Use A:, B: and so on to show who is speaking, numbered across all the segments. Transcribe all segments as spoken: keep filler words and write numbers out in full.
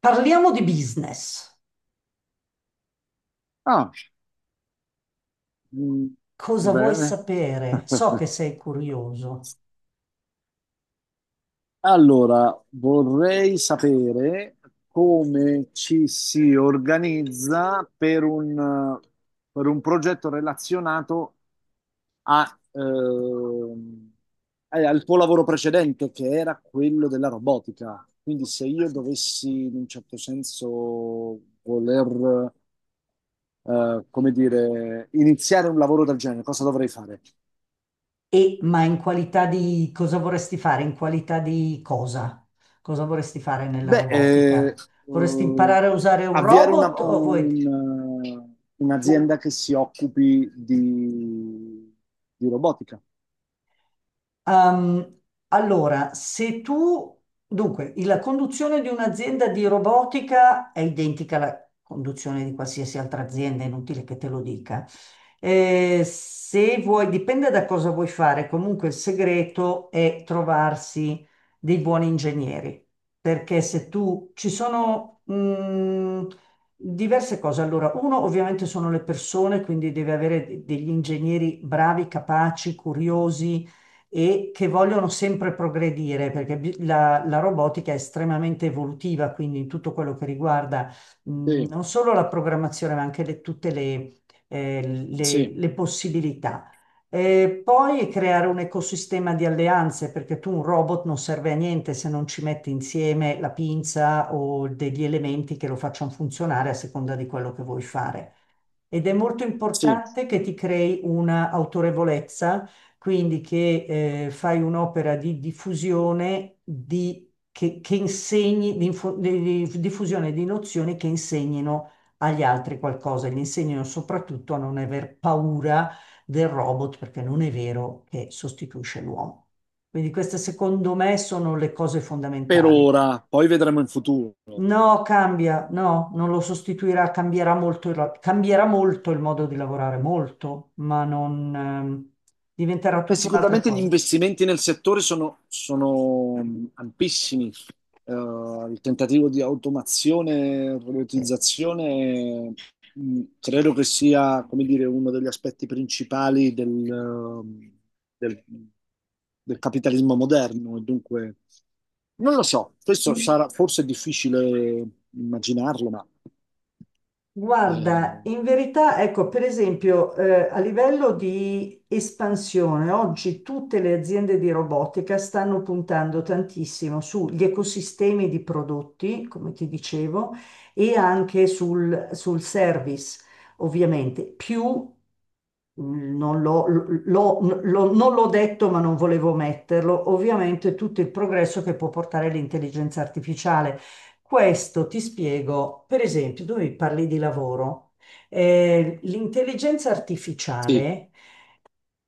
A: Parliamo di business.
B: Ah, mm,
A: Cosa vuoi
B: bene.
A: sapere? So che sei curioso.
B: Allora, vorrei sapere come ci si organizza per un, per un progetto relazionato a, ehm, eh, al tuo lavoro precedente, che era quello della robotica. Quindi se io
A: Sì.
B: dovessi, in un certo senso, voler, eh, come dire, iniziare un lavoro del genere, cosa dovrei fare?
A: E, ma in qualità di cosa vorresti fare? In qualità di cosa? Cosa vorresti fare nella
B: Beh, eh,
A: robotica? Vorresti
B: eh,
A: imparare a usare un
B: avviare una-
A: robot o vuoi...
B: un- eh,
A: o-
B: un'azienda che si occupi di, di robotica.
A: Ehm, allora, se tu, dunque, la conduzione di un'azienda di robotica è identica alla conduzione di qualsiasi altra azienda, è inutile che te lo dica. Eh, se vuoi, dipende da cosa vuoi fare, comunque il segreto è trovarsi dei buoni ingegneri, perché se tu ci sono mh, diverse cose. Allora, uno ovviamente sono le persone, quindi devi avere de- degli ingegneri bravi, capaci, curiosi e che vogliono sempre progredire, perché bi- la, la robotica è estremamente evolutiva, quindi in tutto quello che riguarda mh,
B: Sì,
A: non solo la programmazione, ma anche le- tutte le, eh,
B: sì,
A: le- le possibilità. E poi creare un ecosistema di alleanze, perché tu un robot non serve a niente se non ci metti insieme la pinza o degli elementi che lo facciano funzionare a seconda di quello che vuoi fare. Ed è molto
B: sì,
A: importante che ti crei una autorevolezza, quindi che eh, fai un'opera di diffusione di, che, che insegni, di, info- di- di diffusione di nozioni che insegnino agli altri qualcosa, gli insegnino soprattutto a non aver paura del robot, perché non è vero che sostituisce l'uomo. Quindi queste secondo me sono le cose
B: per
A: fondamentali.
B: ora, poi vedremo in futuro.
A: No, cambia, no, non lo sostituirà, cambierà molto il, ro- cambierà molto il modo di lavorare, molto, ma non, ehm, diventerà
B: Beh,
A: tutta un'altra
B: sicuramente gli
A: cosa.
B: investimenti nel settore sono, sono ampissimi. Eh, il tentativo di automazione e
A: Sì.
B: robotizzazione mh, credo che sia, come dire, uno degli aspetti principali del, eh, del- del capitalismo moderno. E dunque, non lo so, questo
A: Mm.
B: sarà forse è difficile immaginarlo, ma
A: Guarda,
B: eh,
A: in verità, ecco, per esempio, eh, a livello di espansione, oggi tutte le aziende di robotica stanno puntando tantissimo sugli ecosistemi di prodotti, come ti dicevo, e anche sul, sul service, ovviamente, più non l'ho l'ho- l'ho- non l'ho detto, ma non volevo metterlo, ovviamente tutto il progresso che può portare l'intelligenza artificiale. Questo ti spiego, per esempio, tu mi parli di lavoro. Eh, l'intelligenza
B: sì.
A: artificiale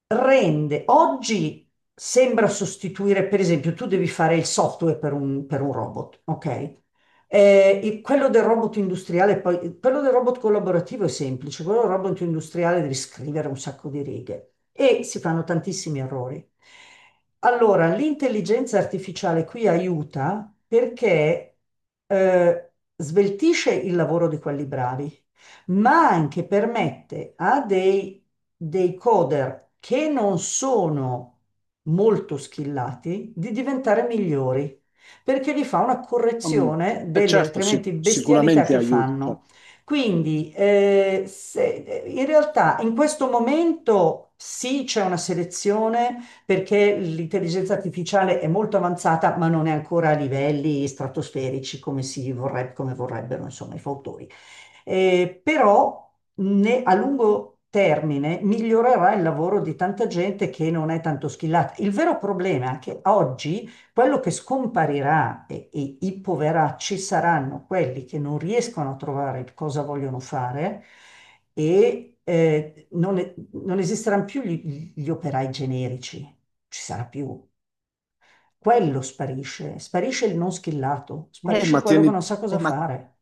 A: rende oggi sembra sostituire, per esempio, tu devi fare il software per un, per un robot, ok? Eh, e quello del robot industriale, poi quello del robot collaborativo è semplice, quello del robot industriale devi scrivere un sacco di righe e si fanno tantissimi errori. Allora, l'intelligenza artificiale qui aiuta perché eh, sveltisce il lavoro di quelli bravi ma anche permette a dei, dei coder che non sono molto skillati di diventare migliori, perché gli fa una
B: Mm.
A: correzione
B: E
A: delle
B: certo, sic-
A: altrimenti bestialità
B: sicuramente
A: che
B: aiuta.
A: fanno.
B: Certo.
A: Quindi, eh, se- in realtà in questo momento sì, c'è una selezione perché l'intelligenza artificiale è molto avanzata, ma non è ancora a livelli stratosferici come si vorrebbe, come vorrebbero, insomma, i fautori. Eh, però ne- a lungo termine migliorerà il lavoro di tanta gente che non è tanto schillata. Il vero problema è che oggi quello che scomparirà e, e i poveracci saranno quelli che non riescono a trovare cosa vogliono fare e eh, non, e- non esisteranno più gli, gli operai generici, non ci sarà più. Quello sparisce, sparisce il non schillato,
B: Eh,
A: sparisce
B: ma
A: quello
B: tieni,
A: che non sa
B: eh,
A: cosa
B: ma
A: fare.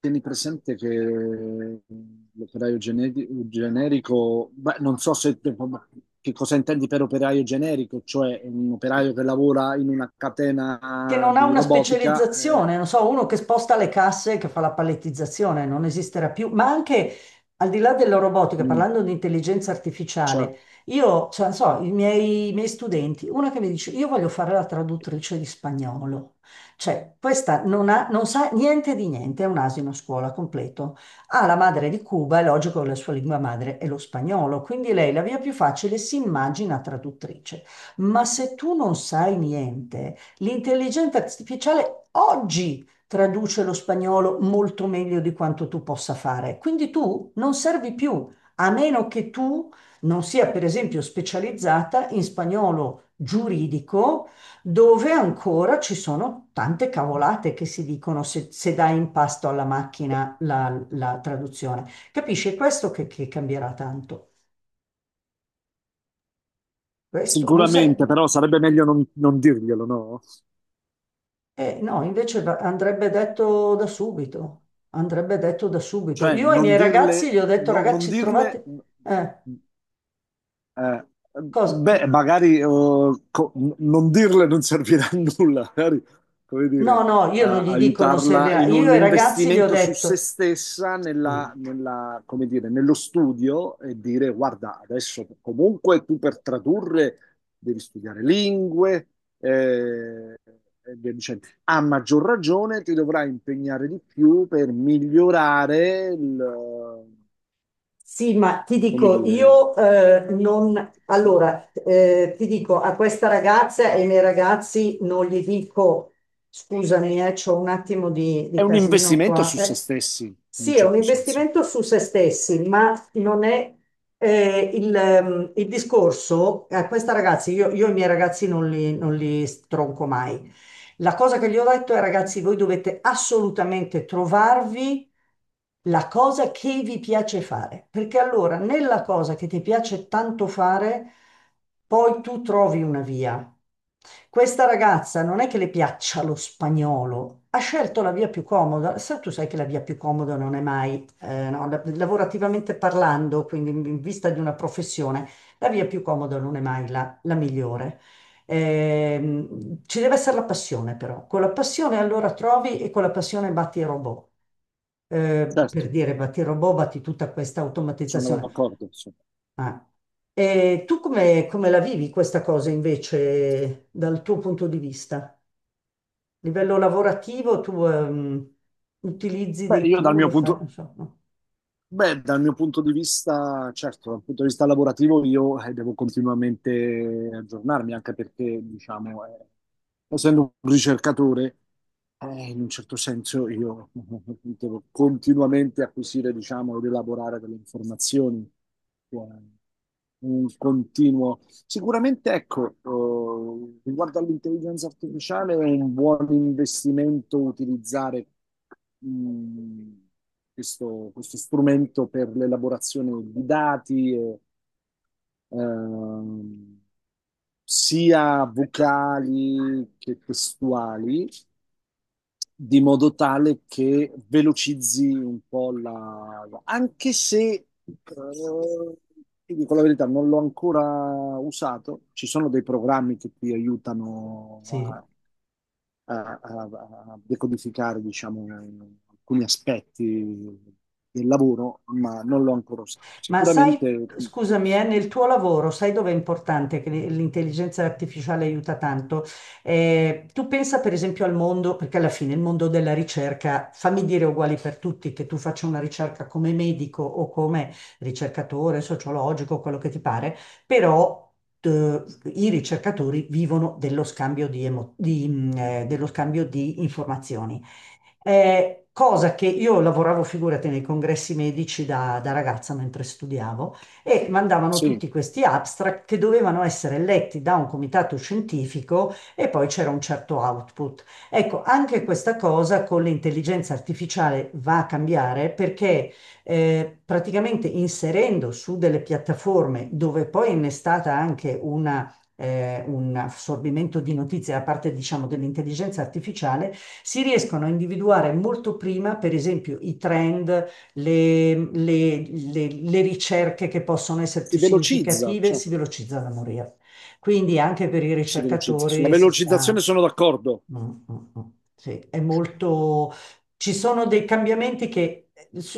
B: tieni presente che l'operaio gene- generico, beh, non so se, che cosa intendi per operaio generico, cioè un operaio che lavora in una
A: Che
B: catena
A: non ha
B: di
A: una
B: robotica, eh,
A: specializzazione, non so, uno che sposta le casse, che fa la palettizzazione, non esisterà più, ma anche al di là della robotica,
B: mm,
A: parlando di intelligenza
B: cioè,
A: artificiale, io, cioè, non so, i miei, i miei studenti, una che mi dice, io voglio fare la traduttrice di spagnolo, cioè, questa non ha, non sa niente di niente, è un asino a scuola completo, ha la madre di Cuba, è logico che la sua lingua madre è lo spagnolo, quindi lei la via più facile si immagina traduttrice, ma se tu non sai niente... L'intelligenza artificiale oggi traduce lo spagnolo molto meglio di quanto tu possa fare, quindi tu non servi più, a meno che tu non sia, per esempio, specializzata in spagnolo giuridico, dove ancora ci sono tante cavolate che si dicono se, se dai in pasto alla macchina la, la traduzione. Capisci? È questo che, che cambierà tanto. Questo, non sai.
B: sicuramente, però sarebbe meglio non, non dirglielo, no?
A: Eh, no, invece va- andrebbe detto da subito, andrebbe detto da subito.
B: Cioè,
A: Io ai
B: non
A: miei ragazzi
B: dirle,
A: gli ho detto,
B: no- non
A: ragazzi,
B: dirle.
A: trovate... eh,
B: Eh,
A: cosa?
B: beh, magari eh, co- n- non dirle non servirà a nulla, magari, come dire,
A: No, no, io non
B: a-
A: gli dico non serve
B: aiutarla
A: a...
B: in
A: Io
B: un
A: ai ragazzi gli ho
B: investimento su se
A: detto,
B: stessa nella,
A: sì.
B: nella- come dire, nello studio e dire, guarda, adesso comunque tu per tradurre devi studiare lingue, eh, e via dicendo. A maggior ragione ti dovrai impegnare di più per migliorare il, eh,
A: Sì, ma ti
B: come
A: dico,
B: dire,
A: io eh, non...
B: no?
A: Allora, eh, ti dico, a questa ragazza e ai miei ragazzi non gli dico, scusami, eh, c'ho un attimo di,
B: È
A: di
B: un
A: casino
B: investimento
A: qua.
B: su se
A: Eh.
B: stessi, in un
A: Sì, è un
B: certo senso.
A: investimento su se stessi, ma non è eh, il, ehm, il discorso. A questa ragazza, io, io i miei ragazzi non li, non li stronco mai. La cosa che gli ho detto è, ragazzi, voi dovete assolutamente trovarvi la cosa che vi piace fare, perché allora nella cosa che ti piace tanto fare, poi tu trovi una via. Questa ragazza non è che le piaccia lo spagnolo, ha scelto la via più comoda. Sa- tu sai che la via più comoda non è mai, eh, no, la- lavorativamente parlando, quindi in in vista di una professione, la via più comoda non è mai la la migliore. Ehm, ci deve essere la passione però, con la passione allora trovi e con la passione batti i robot. Eh, per
B: Certo,
A: dire batti i robot, batti tutta questa
B: sono
A: automatizzazione.
B: d'accordo. Sì.
A: Ah. E tu come, come la vivi questa cosa invece dal tuo punto di vista? A livello lavorativo tu ehm, utilizzi
B: Beh,
A: dei
B: io dal
A: tool,
B: mio
A: lo fai,
B: punto,
A: non so, no?
B: Beh, Dal mio punto di vista, certo, dal punto di vista lavorativo io eh, devo continuamente aggiornarmi, anche perché, diciamo, eh, essendo un ricercatore, eh, in un certo senso io devo continuamente acquisire, diciamo, ed elaborare delle informazioni. eh, Un continuo. Sicuramente, ecco, eh, riguardo all'intelligenza artificiale è un buon investimento utilizzare mm, questo, questo strumento per l'elaborazione di dati, e, ehm, sia vocali che testuali, di modo tale che velocizzi un po' la... anche se, eh, ti dico la verità, non l'ho ancora usato, ci sono dei programmi che ti aiutano
A: Sì.
B: a a, a- a decodificare, diciamo, alcuni aspetti del lavoro, ma non l'ho ancora usato.
A: Ma
B: Sicuramente
A: sai, scusami, eh, nel tuo lavoro, sai dove è importante che l- l'intelligenza artificiale aiuta tanto? Eh, tu pensa per esempio al mondo, perché alla fine il mondo della ricerca, fammi dire uguali per tutti, che tu faccia una ricerca come medico o come ricercatore, sociologico, quello che ti pare, però... eh, I ricercatori vivono dello scambio di, emo- di, mm, eh, dello scambio di informazioni. Eh, cosa che io lavoravo, figurati, nei congressi medici da, da ragazza mentre studiavo e mandavano
B: sì,
A: tutti questi abstract che dovevano essere letti da un comitato scientifico e poi c'era un certo output. Ecco, anche questa cosa con l'intelligenza artificiale va a cambiare perché eh, praticamente inserendo su delle piattaforme dove poi è innestata anche una eh, un assorbimento di notizie da parte, diciamo, dell'intelligenza artificiale, si riescono a individuare molto prima, per esempio, i trend, le, le- le- le ricerche che possono essere
B: si
A: più
B: velocizza,
A: significative,
B: cioè,
A: si velocizza da morire. Quindi anche per i
B: si velocizza. Sulla
A: ricercatori si
B: velocizzazione
A: sta...
B: sono d'accordo.
A: Mm, mm, mm. Sì, è molto... Ci sono dei cambiamenti che...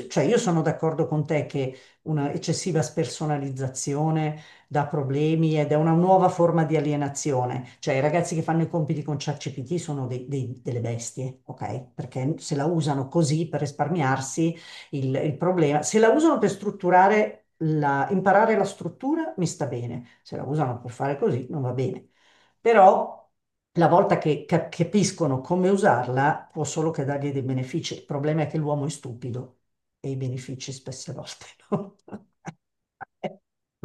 A: Cioè, io sono d'accordo con te che una eccessiva spersonalizzazione dà problemi ed è una nuova forma di alienazione. Cioè, i ragazzi che fanno i compiti con ChatGPT sono dei- dei- delle bestie, ok? Perché se la usano così per risparmiarsi il, il problema... Se la usano per strutturare... La, imparare la struttura mi sta bene, se la usano per fare così non va bene però la volta che cap- capiscono come usarla può solo che dargli dei benefici. Il problema è che l'uomo è stupido e i benefici spesse volte no.